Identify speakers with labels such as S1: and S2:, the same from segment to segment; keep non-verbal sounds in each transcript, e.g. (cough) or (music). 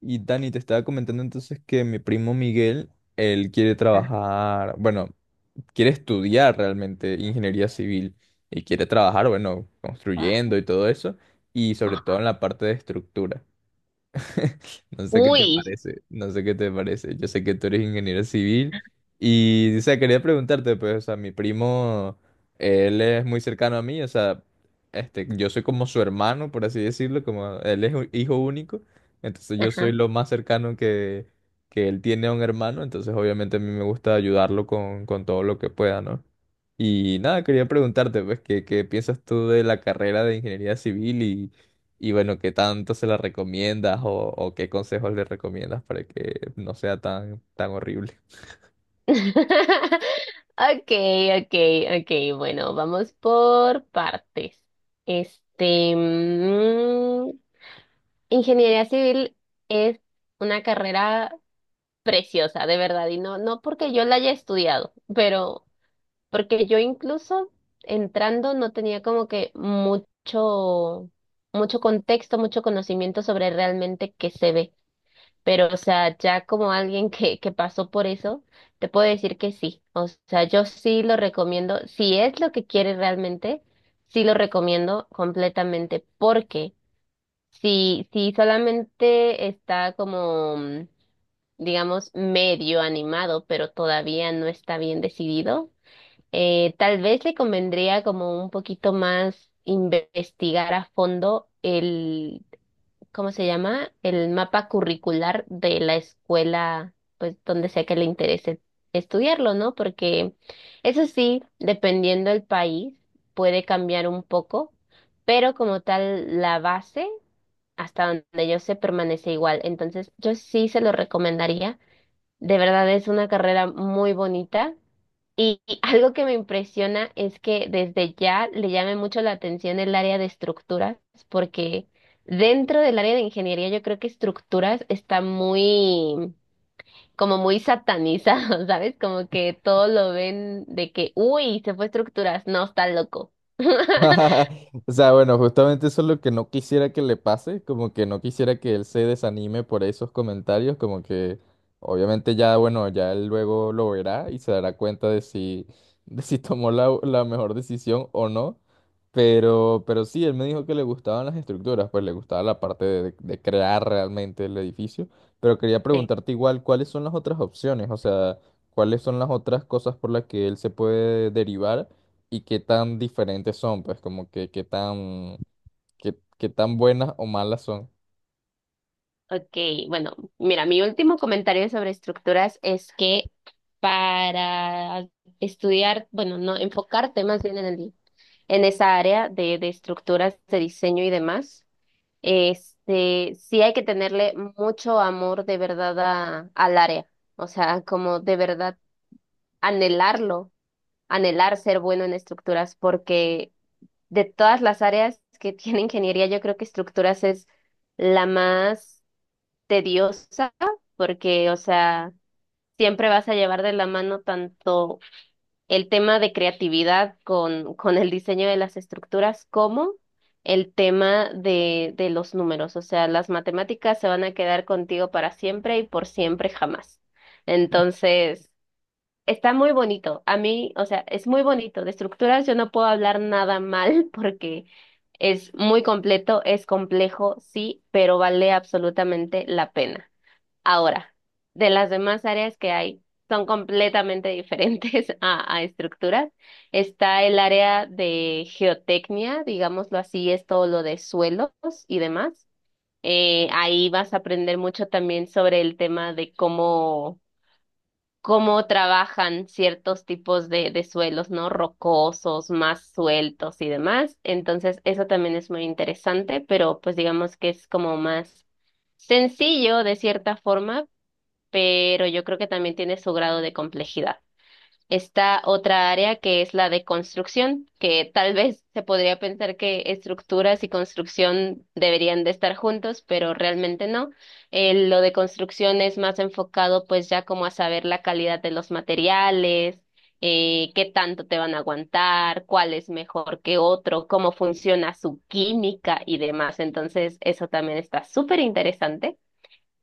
S1: Y Dani, te estaba comentando entonces que mi primo Miguel, él quiere trabajar, bueno, quiere estudiar realmente ingeniería civil y quiere trabajar, bueno,
S2: Ah,
S1: construyendo y todo eso, y sobre todo
S2: ajá.
S1: en la parte de estructura. (laughs) No sé qué te
S2: Uy,
S1: parece, no sé qué te parece. Yo sé que tú eres ingeniero civil y, o sea, quería preguntarte, pues, o sea, mi primo, él es muy cercano a mí, o sea, yo soy como su hermano, por así decirlo, como él es un hijo único, entonces yo soy
S2: ajá.
S1: lo más cercano que él tiene a un hermano, entonces obviamente a mí me gusta ayudarlo con todo lo que pueda, ¿no? Y nada, quería preguntarte, pues, ¿qué piensas tú de la carrera de ingeniería civil y bueno, qué tanto se la recomiendas o qué consejos le recomiendas para que no sea tan horrible?
S2: (laughs) Okay, okay, okay. Bueno, vamos por partes. Este, ingeniería civil es una carrera preciosa, de verdad, y no, no porque yo la haya estudiado, pero porque yo incluso entrando no tenía como que mucho contexto, mucho conocimiento sobre realmente qué se ve. Pero, o sea, ya como alguien que pasó por eso, te puedo decir que sí. O sea, yo sí lo recomiendo. Si es lo que quieres realmente, sí lo recomiendo completamente. Porque si solamente está como, digamos, medio animado, pero todavía no está bien decidido, tal vez le convendría como un poquito más investigar a fondo el ¿cómo se llama? El mapa curricular de la escuela, pues donde sea que le interese estudiarlo, ¿no? Porque eso sí, dependiendo del país, puede cambiar un poco, pero como tal, la base, hasta donde yo sé, permanece igual. Entonces, yo sí se lo recomendaría. De verdad es una carrera muy bonita. Y algo que me impresiona es que desde ya le llame mucho la atención el área de estructuras, porque dentro del área de ingeniería yo creo que estructuras está muy, como muy satanizado, (laughs) ¿sabes? Como que todo lo ven de que, uy, se fue estructuras, no, está loco. (laughs)
S1: (laughs) O sea, bueno, justamente eso es lo que no quisiera que le pase, como que no quisiera que él se desanime por esos comentarios, como que obviamente ya, bueno, ya él luego lo verá y se dará cuenta de si, (laughs) de si tomó la mejor decisión o no, pero sí, él me dijo que le gustaban las estructuras, pues le gustaba la parte de crear realmente el edificio, pero quería preguntarte igual, ¿cuáles son las otras opciones? O sea, ¿cuáles son las otras cosas por las que él se puede derivar? Y qué tan diferentes son, pues como que qué tan, qué tan buenas o malas son.
S2: Ok, bueno, mira, mi último comentario sobre estructuras es que para estudiar, bueno, no, enfocarte más bien en esa área de estructuras de diseño y demás, este, sí hay que tenerle mucho amor de verdad al área, o sea, como de verdad anhelarlo, anhelar ser bueno en estructuras, porque de todas las áreas que (laughs) tiene ingeniería, yo creo que estructuras es la más tediosa porque, o sea, siempre vas a llevar de la mano tanto el tema de creatividad con el diseño de las estructuras como el tema de los números. O sea, las matemáticas se van a quedar contigo para siempre y por siempre jamás. Entonces, está muy bonito. A mí, o sea, es muy bonito. De estructuras yo no puedo hablar nada mal (laughs) porque... Es muy completo, es complejo, sí, pero vale absolutamente la pena. Ahora, de las demás áreas que hay, son completamente diferentes (laughs) a estructuras. Está el área de geotecnia, digámoslo así, es todo lo de suelos y demás. Ahí vas a aprender mucho también sobre el tema de cómo trabajan ciertos tipos de suelos, ¿no? Rocosos, más sueltos y demás. Entonces, eso también es muy interesante, pero pues digamos que es como más sencillo de cierta forma pero yo creo que también tiene su grado de complejidad. Está otra área que es la de construcción, que tal vez se podría pensar que estructuras y construcción deberían de estar juntos, pero realmente no. Lo de construcción es más enfocado pues ya como a saber la calidad de los materiales, qué tanto te van a aguantar, cuál es mejor que otro, cómo funciona su química y demás. Entonces, eso también está súper interesante.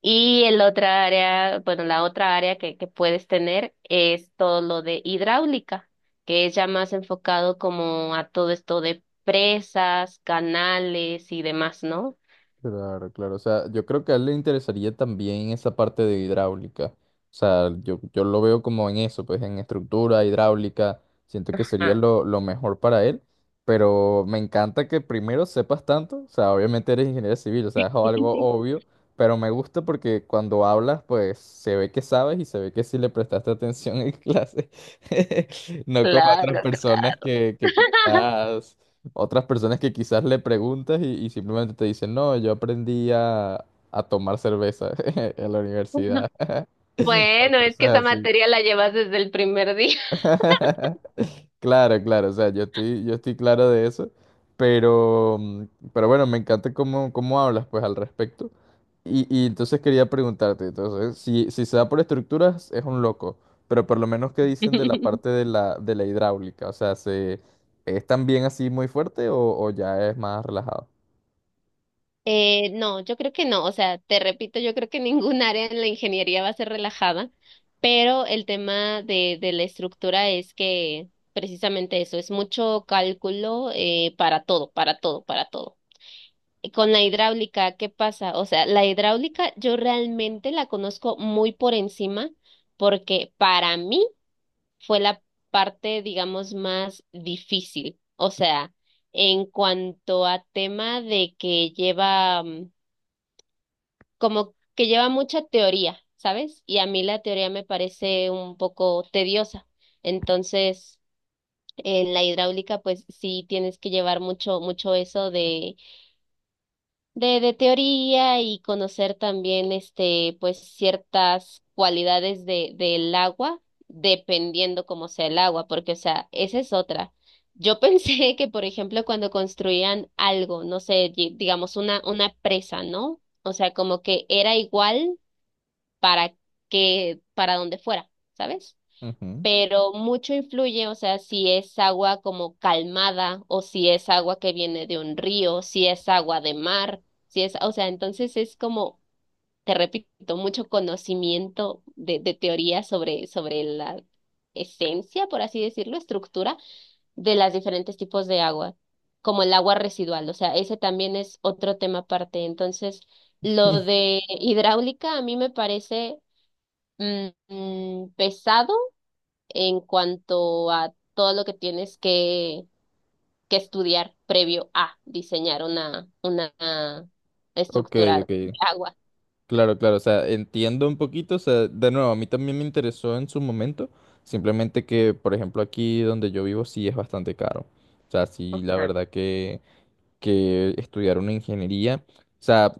S2: Y el otra área, bueno, la otra área que puedes tener es todo lo de hidráulica, que es ya más enfocado como a todo esto de presas, canales y demás, ¿no?
S1: Claro, claro. O sea, yo creo que a él le interesaría también esa parte de hidráulica. O sea, yo lo veo como en eso, pues en estructura hidráulica. Siento que sería
S2: Ah,
S1: lo mejor para él. Pero me encanta que primero sepas tanto. O sea, obviamente eres ingeniero civil, o sea, es algo
S2: (laughs)
S1: obvio. Pero me gusta porque cuando hablas, pues se ve que sabes y se ve que sí le prestaste atención en clase. (laughs) No como a otras
S2: Claro.
S1: personas que
S2: (laughs)
S1: quizás. Otras personas que quizás le preguntas y simplemente te dicen, no, yo aprendí a tomar cerveza (laughs) en la universidad. (laughs) O
S2: Bueno, es que esa
S1: cosas así.
S2: materia la llevas desde el primer día.
S1: (laughs) Claro, claro, o sea, yo estoy claro de eso, pero, pero bueno, me encanta cómo, cómo hablas pues al respecto. Y entonces quería preguntarte, entonces, si se da por estructuras, es un loco, pero por lo menos qué dicen de la parte
S2: (laughs)
S1: de la hidráulica, o sea, ¿se, es también así muy fuerte o ya es más relajado?
S2: No, yo creo que no. O sea, te repito, yo creo que (laughs) ningún área en la ingeniería va a ser relajada, pero el tema de la estructura es que precisamente eso, es mucho cálculo para todo, para todo, para todo. Y con la hidráulica, ¿qué pasa? O sea, la hidráulica yo realmente la conozco muy por encima porque para mí fue la parte, digamos, más difícil. O sea, en cuanto a tema de que lleva... mm, como que lleva mucha teoría, ¿sabes? Y a mí la teoría me parece un poco tediosa. Entonces, en la hidráulica, pues sí tienes que llevar mucho, mucho eso de teoría y conocer también, este, pues ciertas cualidades del agua, dependiendo cómo sea el agua, porque, o sea, esa es otra. Yo pensé (laughs) que, por ejemplo, cuando construían algo, no sé, digamos una presa, ¿no? O sea, como que era igual para para donde fuera, ¿sabes?
S1: Ujú.
S2: Pero mucho influye, o sea, si es agua como calmada o si es agua que viene de un río, si es agua de mar, si es, o sea, entonces es como, te repito, mucho conocimiento de teoría sobre la esencia, por así decirlo, estructura de las diferentes tipos de agua, como el agua residual, o sea, ese también es otro tema aparte. Entonces, lo de hidráulica a mí me parece pesado en cuanto a todo lo que tienes que estudiar previo a diseñar una
S1: Ok,
S2: estructura de
S1: ok.
S2: agua.
S1: Claro, claro. O sea, entiendo un poquito. O sea, de nuevo, a mí también me interesó en su momento. Simplemente que, por ejemplo, aquí donde yo vivo sí es bastante caro. O sea, sí, la
S2: Ajá.
S1: verdad que estudiar una ingeniería. O sea,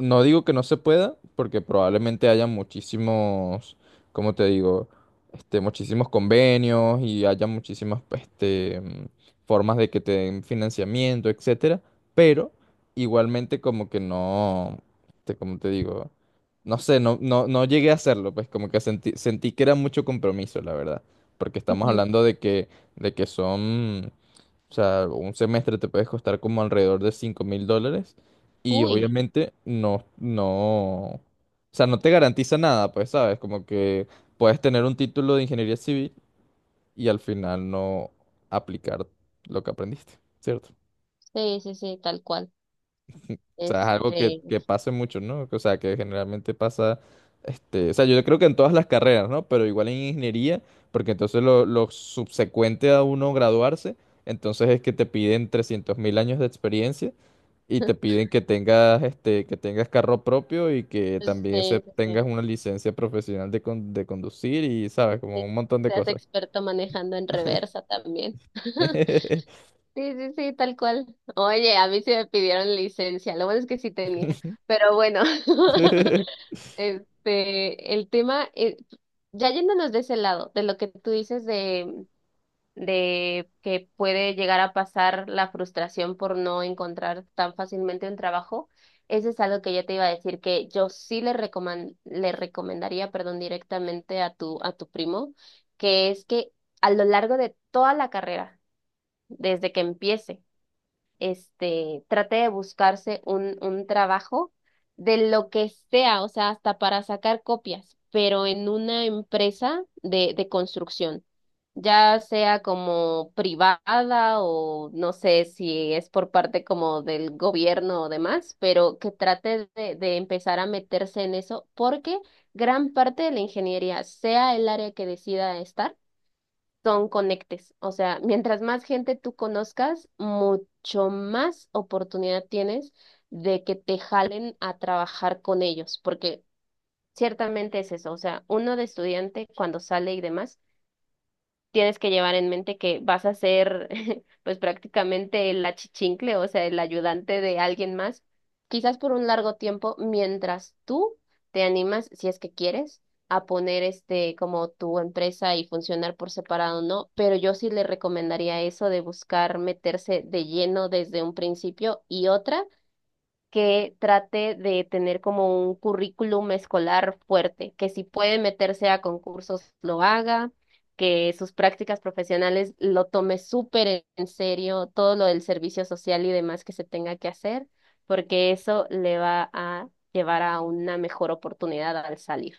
S1: no digo que no se pueda, porque probablemente haya muchísimos, ¿cómo te digo? Muchísimos convenios y haya muchísimas, formas de que te den financiamiento, etcétera. Pero igualmente como que no, ¿cómo te digo? No sé, no, no, no llegué a hacerlo, pues como que sentí que era mucho compromiso, la verdad. Porque estamos
S2: Ujú.
S1: hablando de de que son o sea, un semestre te puede costar como alrededor de $5,000 y
S2: Uy,
S1: obviamente no, o sea, no te garantiza nada, pues, ¿sabes? Como que puedes tener un título de ingeniería civil y al final no aplicar lo que aprendiste, ¿cierto?
S2: sí, sí, sí, tal cual.
S1: O sea, es algo que,
S2: Este,
S1: que pasa mucho, ¿no? O sea, que generalmente pasa, o sea, yo creo que en todas las carreras, ¿no? Pero igual en ingeniería, porque entonces lo subsecuente a uno graduarse, entonces es que te piden 300.000 años de experiencia. Y te piden que tengas que tengas carro propio y que
S2: pues
S1: también se,
S2: sí, sí,
S1: tengas
S2: sí,
S1: una licencia profesional de, con- de conducir y sabes, como
S2: sí,
S1: un
S2: que
S1: montón de
S2: seas
S1: cosas.
S2: experto manejando en reversa también. (laughs) Sí, sí, sí, tal cual. Oye, a mí sí me pidieron licencia, lo bueno es que sí tenía,
S1: (laughs)
S2: pero bueno. (laughs) Este, el tema, ya yéndonos de ese lado, de lo que tú dices de que puede llegar a pasar la frustración por no encontrar tan fácilmente un trabajo, eso es algo que yo te iba a decir que yo sí le recomendaría, perdón, directamente a tu primo, que es que a lo largo de toda la carrera, desde que empiece, este, trate de buscarse un trabajo de lo que sea, o sea, hasta para sacar copias, pero en una empresa de construcción, ya sea como privada o no sé si es por parte como del gobierno o demás, pero que trate de empezar a meterse en eso porque gran parte de la ingeniería, sea el área que decida estar, son conectes. O sea, mientras más gente tú conozcas, mucho más oportunidad tienes de que te jalen a trabajar con ellos, porque ciertamente es eso. O sea, uno de estudiante cuando sale y demás tienes que llevar en mente que vas a ser (laughs) pues prácticamente el achichincle, o sea, el ayudante de alguien más, quizás por un largo tiempo, mientras tú te animas, si es que quieres, a poner este como tu empresa y funcionar por separado, ¿no? Pero yo sí le recomendaría eso de buscar meterse de lleno desde un principio y otra que trate de tener como un currículum escolar fuerte, que si puede meterse a concursos lo haga, que sus prácticas profesionales lo tome súper en serio, todo lo del servicio social y demás que se tenga que hacer, porque eso le va a llevar a una mejor oportunidad al salir.